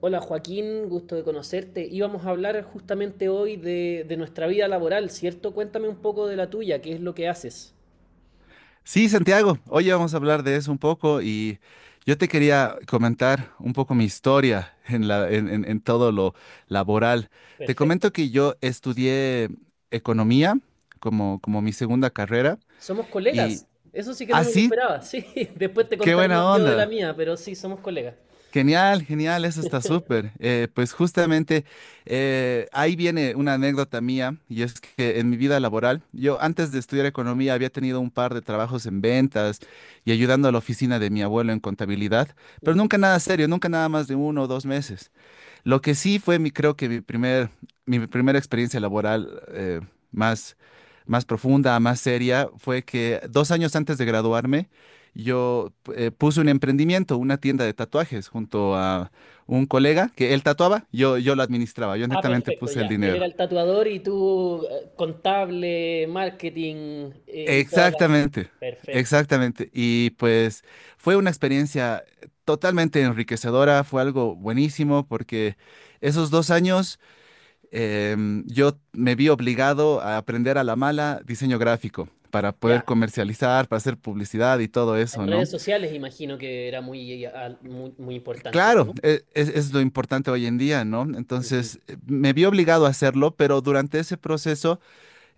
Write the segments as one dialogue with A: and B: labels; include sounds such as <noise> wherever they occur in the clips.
A: Hola Joaquín, gusto de conocerte. Íbamos a hablar justamente hoy de nuestra vida laboral, ¿cierto? Cuéntame un poco de la tuya, ¿qué es lo que haces?
B: Sí, Santiago, hoy vamos a hablar de eso un poco y yo te quería comentar un poco mi historia en todo lo laboral. Te comento
A: Perfecto.
B: que yo estudié economía como mi segunda carrera
A: Somos
B: y
A: colegas, eso sí que no me lo
B: así,
A: esperaba, sí. <laughs> Después te
B: qué
A: contaré
B: buena
A: más yo de la
B: onda.
A: mía, pero sí, somos colegas.
B: Genial, genial, eso está súper. Pues justamente ahí viene una anécdota mía y es que en mi vida laboral, yo antes de estudiar economía había tenido un par de trabajos en ventas y ayudando a la oficina de mi abuelo en contabilidad, pero
A: Ujú.
B: nunca nada serio, nunca nada más de uno o dos meses. Lo que sí fue, creo que mi primer, mi primera experiencia laboral más, más profunda, más seria, fue que dos años antes de graduarme, yo puse un emprendimiento, una tienda de tatuajes, junto a un colega que él tatuaba, yo lo administraba, yo
A: Ah,
B: netamente
A: perfecto,
B: puse el
A: ya. Él era
B: dinero.
A: el tatuador y tú contable, marketing y toda la...
B: Exactamente,
A: Perfecto.
B: exactamente. Y pues fue una experiencia totalmente enriquecedora, fue algo buenísimo porque esos dos años yo me vi obligado a aprender a la mala diseño gráfico para poder
A: Ya.
B: comercializar, para hacer publicidad y todo
A: En
B: eso, ¿no?
A: redes sociales imagino que era muy importante,
B: Claro,
A: ¿no?
B: es lo importante hoy en día, ¿no?
A: Ujú.
B: Entonces, me vi obligado a hacerlo, pero durante ese proceso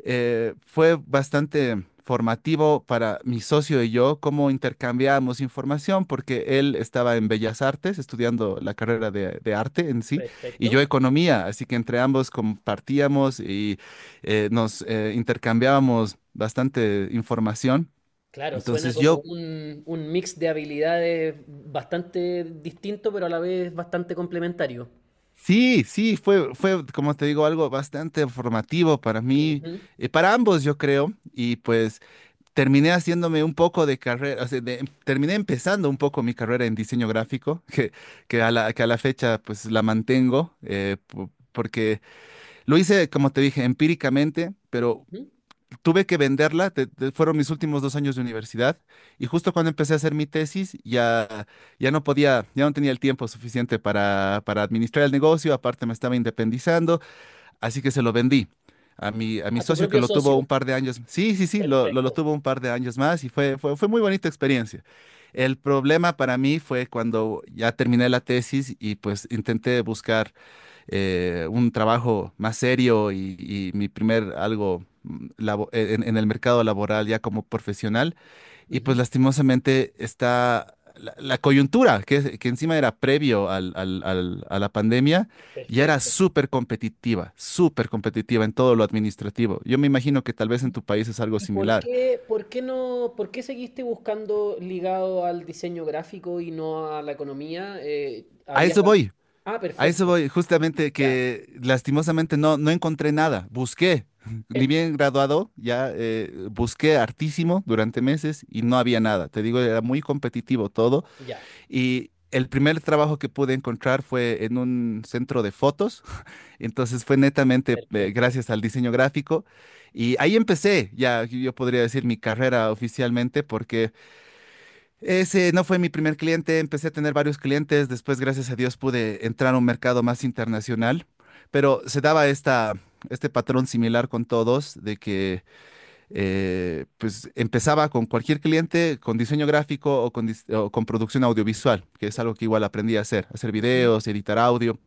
B: fue bastante formativo para mi socio y yo cómo intercambiábamos información, porque él estaba en Bellas Artes estudiando la carrera de arte en sí, y yo
A: Perfecto.
B: economía, así que entre ambos compartíamos y nos intercambiábamos bastante información.
A: Claro, suena
B: Entonces
A: como
B: yo...
A: un mix de habilidades bastante distinto, pero a la vez bastante complementario.
B: Sí, sí, fue, como te digo, algo bastante formativo para mí,
A: Ujú,
B: para ambos, yo creo, y pues terminé haciéndome un poco de carrera, o sea, terminé empezando un poco mi carrera en diseño gráfico, <laughs> que a la fecha pues la mantengo, porque lo hice, como te dije, empíricamente, pero
A: ujú.
B: tuve que venderla, fueron mis últimos dos años de universidad, y justo cuando empecé a hacer mi tesis, ya, ya no podía, ya no tenía el tiempo suficiente para administrar el negocio, aparte me estaba independizando. Así que se lo vendí a a mi
A: A tu
B: socio que
A: propio
B: lo tuvo un
A: socio.
B: par de años. Sí, sí, sí, lo
A: Perfecto.
B: tuvo un par de años más y fue muy bonita experiencia. El problema para mí fue cuando ya terminé la tesis y pues intenté buscar un trabajo más serio y mi primer algo en el mercado laboral ya como profesional. Y pues
A: Ujú,
B: lastimosamente está la coyuntura, que encima era previo a la pandemia, ya era
A: perfecto.
B: súper competitiva en todo lo administrativo. Yo me imagino que tal vez en
A: ¿Y,
B: tu país es algo
A: y
B: similar.
A: por qué no, por qué seguiste buscando ligado al diseño gráfico y no a la economía?
B: A eso voy,
A: Ah,
B: a eso
A: perfecto.
B: voy, justamente
A: Ya.
B: que lastimosamente no encontré nada, busqué. <laughs> Ni
A: Eh,
B: bien graduado, ya busqué hartísimo durante meses y no había nada. Te digo, era muy competitivo todo.
A: ya.
B: Y el primer trabajo que pude encontrar fue en un centro de fotos, entonces fue netamente
A: Perfecto.
B: gracias al diseño gráfico y ahí empecé, ya yo podría decir mi carrera oficialmente porque ese no fue mi primer cliente, empecé a tener varios clientes, después gracias a Dios pude entrar a un mercado más internacional, pero se daba este patrón similar con todos de que pues empezaba con cualquier cliente, con diseño gráfico o o con producción audiovisual, que es algo que igual aprendí a hacer, hacer
A: Ujú,
B: videos, editar audio.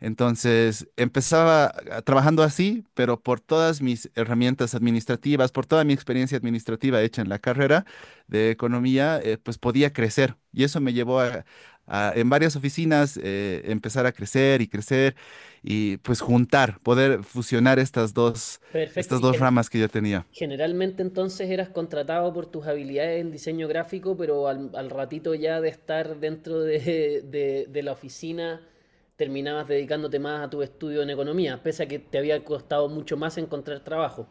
B: Entonces empezaba trabajando así, pero por todas mis herramientas administrativas, por toda mi experiencia administrativa hecha en la carrera de economía, pues podía crecer. Y eso me llevó en varias oficinas, empezar a crecer y crecer y pues juntar, poder fusionar
A: perfecto.
B: estas dos ramas que yo tenía.
A: Generalmente entonces eras contratado por tus habilidades en diseño gráfico, pero al ratito ya de estar dentro de la oficina terminabas dedicándote más a tu estudio en economía, pese a que te había costado mucho más encontrar trabajo.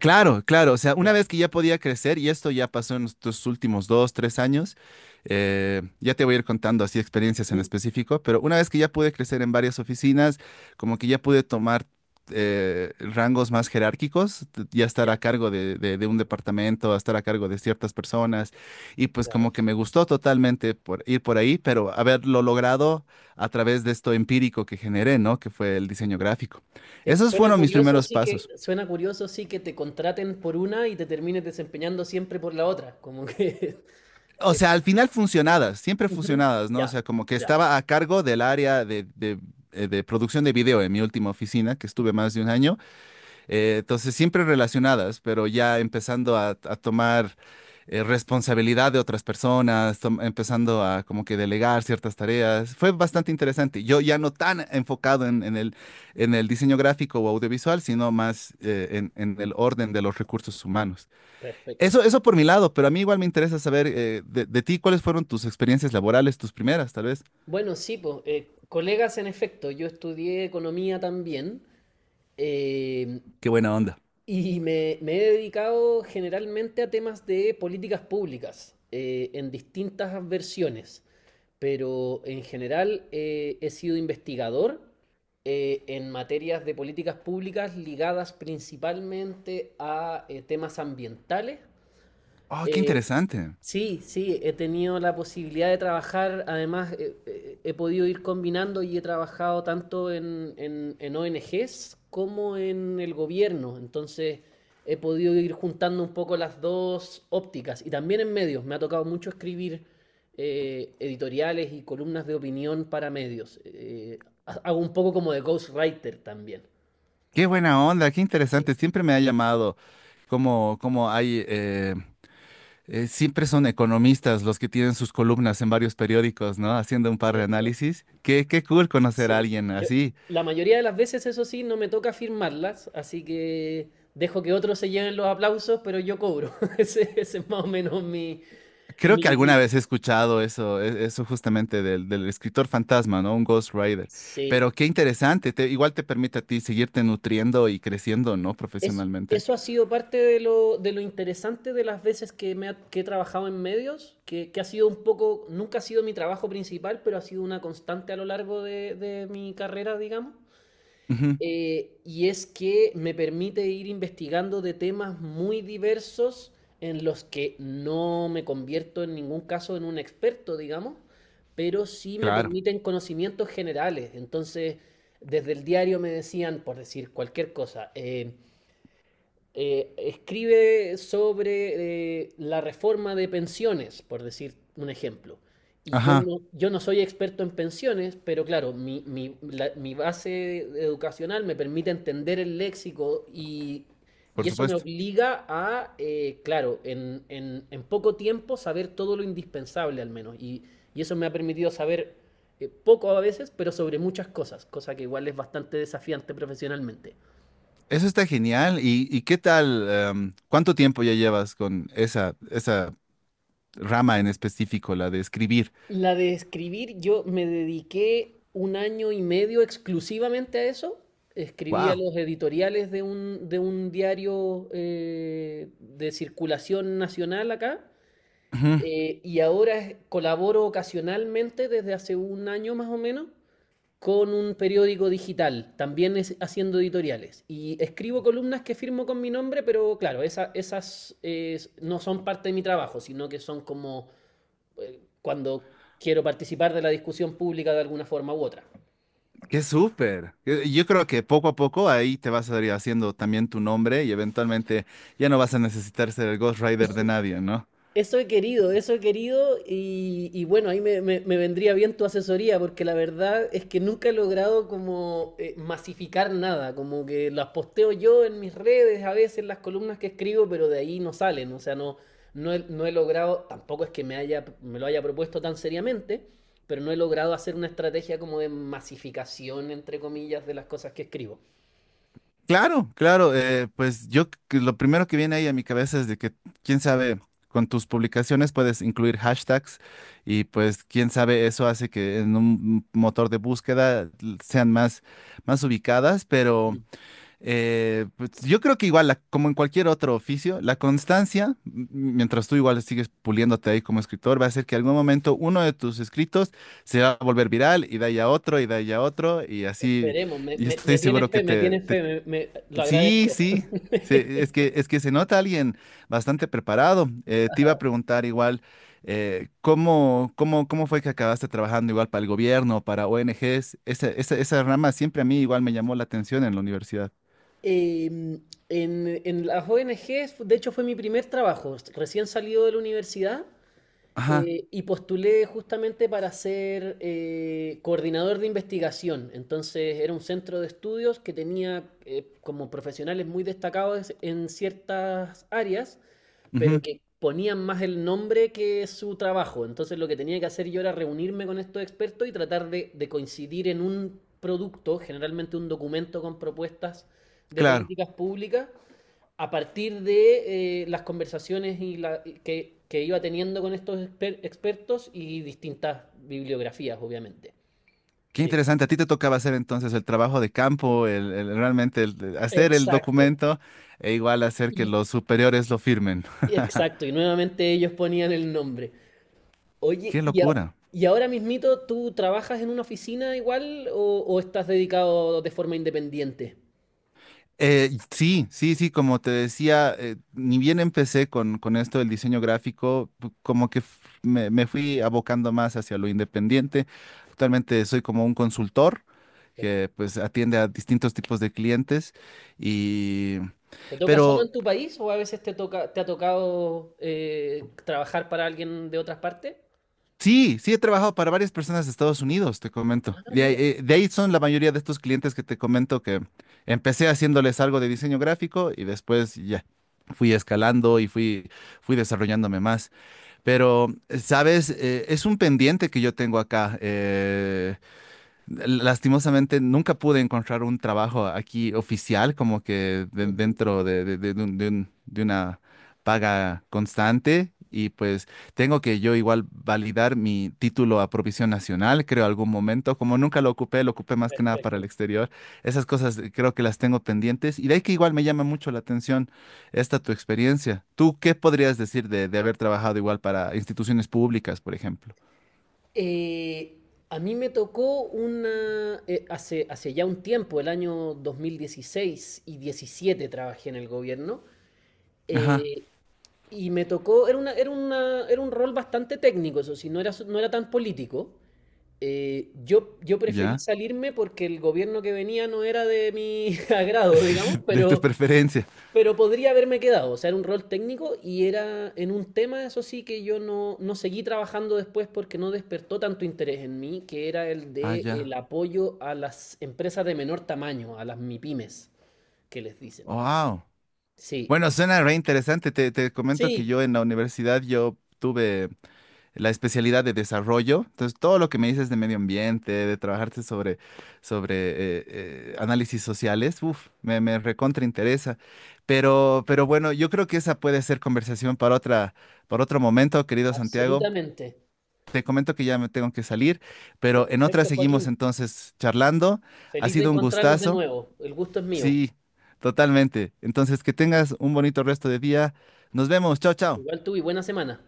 B: Claro, claro, o sea, una
A: Ya.
B: vez que ya podía crecer, y esto ya pasó en estos últimos dos, tres años, ya te voy a ir contando así experiencias en
A: Ujú.
B: específico, pero una vez que ya pude crecer en varias oficinas, como que ya pude tomar rangos más jerárquicos, ya estar
A: Ya,
B: a cargo de, de un departamento, estar a cargo de ciertas personas, y pues
A: claro.
B: como que me gustó totalmente por ir por ahí, pero haberlo logrado a través de esto empírico que generé, ¿no? Que fue el diseño gráfico.
A: Sí,
B: Esos
A: suena
B: fueron mis
A: curioso,
B: primeros pasos.
A: sí que te contraten por una y te termines desempeñando siempre por la otra. Como que. <laughs>
B: O
A: eh,
B: sea, al final funcionadas, siempre
A: ujú,
B: funcionadas, ¿no? O
A: ya,
B: sea, como que
A: ya.
B: estaba a cargo del área de producción de video en mi última oficina, que estuve
A: Ujú,
B: más de un año. Entonces, siempre relacionadas, pero ya empezando a tomar responsabilidad de otras personas, empezando a como que delegar ciertas tareas. Fue bastante interesante. Yo ya no tan enfocado en el diseño gráfico o audiovisual, sino más en el orden de los recursos humanos.
A: perfecto.
B: Eso por mi lado, pero a mí igual me interesa saber de ti cuáles fueron tus experiencias laborales, tus primeras, tal vez.
A: Bueno, sí, pues, colegas en efecto, yo estudié economía también eh,
B: Qué buena onda.
A: y me he dedicado generalmente a temas de políticas públicas en distintas versiones, pero en general he sido investigador en materias de políticas públicas ligadas principalmente a temas ambientales.
B: Oh, qué
A: eh,
B: interesante.
A: Sí, sí, he tenido la posibilidad de trabajar, además he podido ir combinando y he trabajado tanto en ONGs como en el gobierno, entonces he podido ir juntando un poco las dos ópticas y también en medios, me ha tocado mucho escribir editoriales y columnas de opinión para medios, hago un poco como de ghostwriter también.
B: Qué buena onda, qué
A: Sí,
B: interesante. Siempre me ha llamado como, como hay, eh, siempre son economistas los que tienen sus columnas en varios periódicos, ¿no? Haciendo un par de
A: cierto.
B: análisis. Qué cool conocer a
A: Sí,
B: alguien
A: yo
B: así.
A: la mayoría de las veces, eso sí, no me toca firmarlas, así que dejo que otros se lleven los aplausos, pero yo cobro. <laughs> Ese es más o menos mi,
B: Creo que
A: mi
B: alguna
A: bill.
B: vez he escuchado eso, eso justamente del escritor fantasma, ¿no? Un Ghost Rider. Pero
A: Sí,
B: qué interesante, igual te permite a ti seguirte nutriendo y creciendo, ¿no?
A: es,
B: Profesionalmente.
A: eso ha sido parte de lo interesante de las veces que, que he trabajado en medios, que ha sido un poco, nunca ha sido mi trabajo principal, pero ha sido una constante a lo largo de mi carrera, digamos.
B: Ujú,
A: Y es que me permite ir investigando de temas muy diversos en los que no me convierto en ningún caso en un experto, digamos, pero sí me
B: claro.
A: permiten conocimientos generales. Entonces, desde el diario me decían, por decir cualquier cosa, escribe sobre la reforma de pensiones, por decir un ejemplo. Y yo
B: Ajá,
A: no, yo no soy experto en pensiones, pero claro, mi base educacional me permite entender el léxico
B: por
A: y eso me
B: supuesto.
A: obliga a, claro, en poco tiempo saber todo lo indispensable al menos. Y eso me ha permitido saber poco a veces, pero sobre muchas cosas, cosa que igual es bastante desafiante profesionalmente.
B: Eso está genial. Y qué tal? ¿Cuánto tiempo ya llevas con esa, esa rama en específico, la de escribir?
A: La de escribir, yo me dediqué un año y medio exclusivamente a eso. Escribía
B: Wow.
A: los editoriales de un diario de circulación nacional acá. Y ahora colaboro ocasionalmente desde hace un año más o menos con un periódico digital, también haciendo editoriales. Y escribo columnas que firmo con mi nombre, pero claro, esas no son parte de mi trabajo, sino que son como cuando quiero participar de la discusión pública de alguna forma u otra.
B: Qué súper. Yo creo que poco a poco ahí te vas a ir haciendo también tu nombre y eventualmente ya no vas a necesitar ser el Ghost Rider de nadie, ¿no?
A: Eso he querido y bueno, ahí me vendría bien tu asesoría porque la verdad es que nunca he logrado como masificar nada, como que las posteo yo en mis redes, a veces en las columnas que escribo, pero de ahí no salen, o sea, no, no he logrado, tampoco es que me haya, me lo haya propuesto tan seriamente, pero no he logrado hacer una estrategia como de masificación, entre comillas, de las cosas que escribo.
B: Claro, claro. Pues yo que lo primero que viene ahí a mi cabeza es de que, quién sabe, con tus publicaciones puedes incluir hashtags y pues quién sabe, eso hace que en un motor de búsqueda sean más, más ubicadas, pero...
A: Mm.
B: Pues, yo creo que igual, como en cualquier otro oficio, la constancia, mientras tú igual sigues puliéndote ahí como escritor, va a hacer que algún momento uno de tus escritos se va a volver viral y de ahí a otro y de ahí a otro y así,
A: Esperemos,
B: y estoy seguro que
A: me tiene fe, lo
B: sí,
A: agradezco.
B: sí,
A: <laughs>
B: es que se nota alguien bastante preparado. Te iba a
A: Ajá.
B: preguntar igual, ¿cómo fue que acabaste trabajando igual para el gobierno, para ONGs? Esa, esa, esa rama siempre a mí igual me llamó la atención en la universidad.
A: Eh, en, en las ONGs, de hecho, fue mi primer trabajo. Recién salido de la universidad
B: Ajá.
A: y postulé justamente para ser coordinador de investigación. Entonces, era un centro de estudios que tenía como profesionales muy destacados en ciertas áreas, pero
B: Ujú,
A: que ponían más el nombre que su trabajo. Entonces lo que tenía que hacer yo era reunirme con estos expertos y tratar de coincidir en un producto, generalmente un documento con propuestas de
B: claro.
A: políticas públicas, a partir de las conversaciones que iba teniendo con estos expertos y distintas bibliografías, obviamente.
B: Qué
A: Sí.
B: interesante. A ti te tocaba hacer entonces el trabajo de campo, realmente el hacer el
A: Exacto.
B: documento e igual hacer que
A: Y,
B: los superiores lo firmen.
A: exacto. Y nuevamente ellos ponían el nombre.
B: <laughs>
A: Oye,
B: Qué
A: ¿y,
B: locura.
A: y ahora mismito tú trabajas en una oficina igual o estás dedicado de forma independiente?
B: Sí, sí, sí, como te decía, ni bien empecé con esto del diseño gráfico, como que me fui abocando más hacia lo independiente. Actualmente soy como un consultor que
A: Perfecto.
B: pues atiende a distintos tipos de clientes y...
A: ¿Te toca solo
B: Pero
A: en tu país o a veces te toca, te ha tocado trabajar para alguien de otras partes?
B: sí, sí he trabajado para varias personas de Estados Unidos, te comento.
A: Ah, mira.
B: De ahí son la mayoría de estos clientes que te comento que empecé haciéndoles algo de diseño gráfico y después ya fui escalando y fui desarrollándome más. Pero, ¿sabes? Es un pendiente que yo tengo acá. Lastimosamente nunca pude encontrar un trabajo aquí oficial, como que
A: Ujú,
B: dentro de una paga constante. Y pues tengo que yo igual validar mi título a provisión nacional, creo, algún momento. Como nunca lo ocupé, lo ocupé más que nada para el
A: perfecto.
B: exterior. Esas cosas creo que las tengo pendientes. Y de ahí que igual me llama mucho la atención esta tu experiencia. ¿Tú qué podrías decir de haber trabajado igual para instituciones públicas, por ejemplo?
A: Eh, a mí me tocó una, hace, hace ya un tiempo, el año 2016 y 17 trabajé en el gobierno.
B: Ajá,
A: Eh, Y me tocó, era un rol bastante técnico, eso sí, no era tan político. Yo preferí
B: ya,
A: salirme porque el gobierno que venía no era de mi <laughs> agrado, digamos,
B: <laughs> de tu preferencia.
A: pero podría haberme quedado. O sea, era un rol técnico y era en un tema, eso sí, que yo no, no seguí trabajando después porque no despertó tanto interés en mí, que era el
B: Ah,
A: de
B: ya.
A: el apoyo a las empresas de menor tamaño, a las mipymes que les dicen.
B: Wow.
A: Sí,
B: Bueno, suena re interesante. Te comento que yo
A: sí,
B: en la universidad yo tuve la especialidad de desarrollo. Entonces, todo lo que me dices de medio ambiente, de trabajarte sobre, sobre análisis sociales, uf, me recontra interesa. Pero bueno, yo creo que esa puede ser conversación para otra, para otro momento, querido Santiago.
A: absolutamente.
B: Te comento que ya me tengo que salir, pero en otra
A: Perfecto,
B: seguimos
A: Joaquín.
B: entonces charlando. Ha
A: Feliz de
B: sido un
A: encontrarnos de
B: gustazo.
A: nuevo. El gusto es mío.
B: Sí, totalmente. Entonces, que tengas un bonito resto de día. Nos vemos. Chao, chao.
A: Igual tú y buena semana.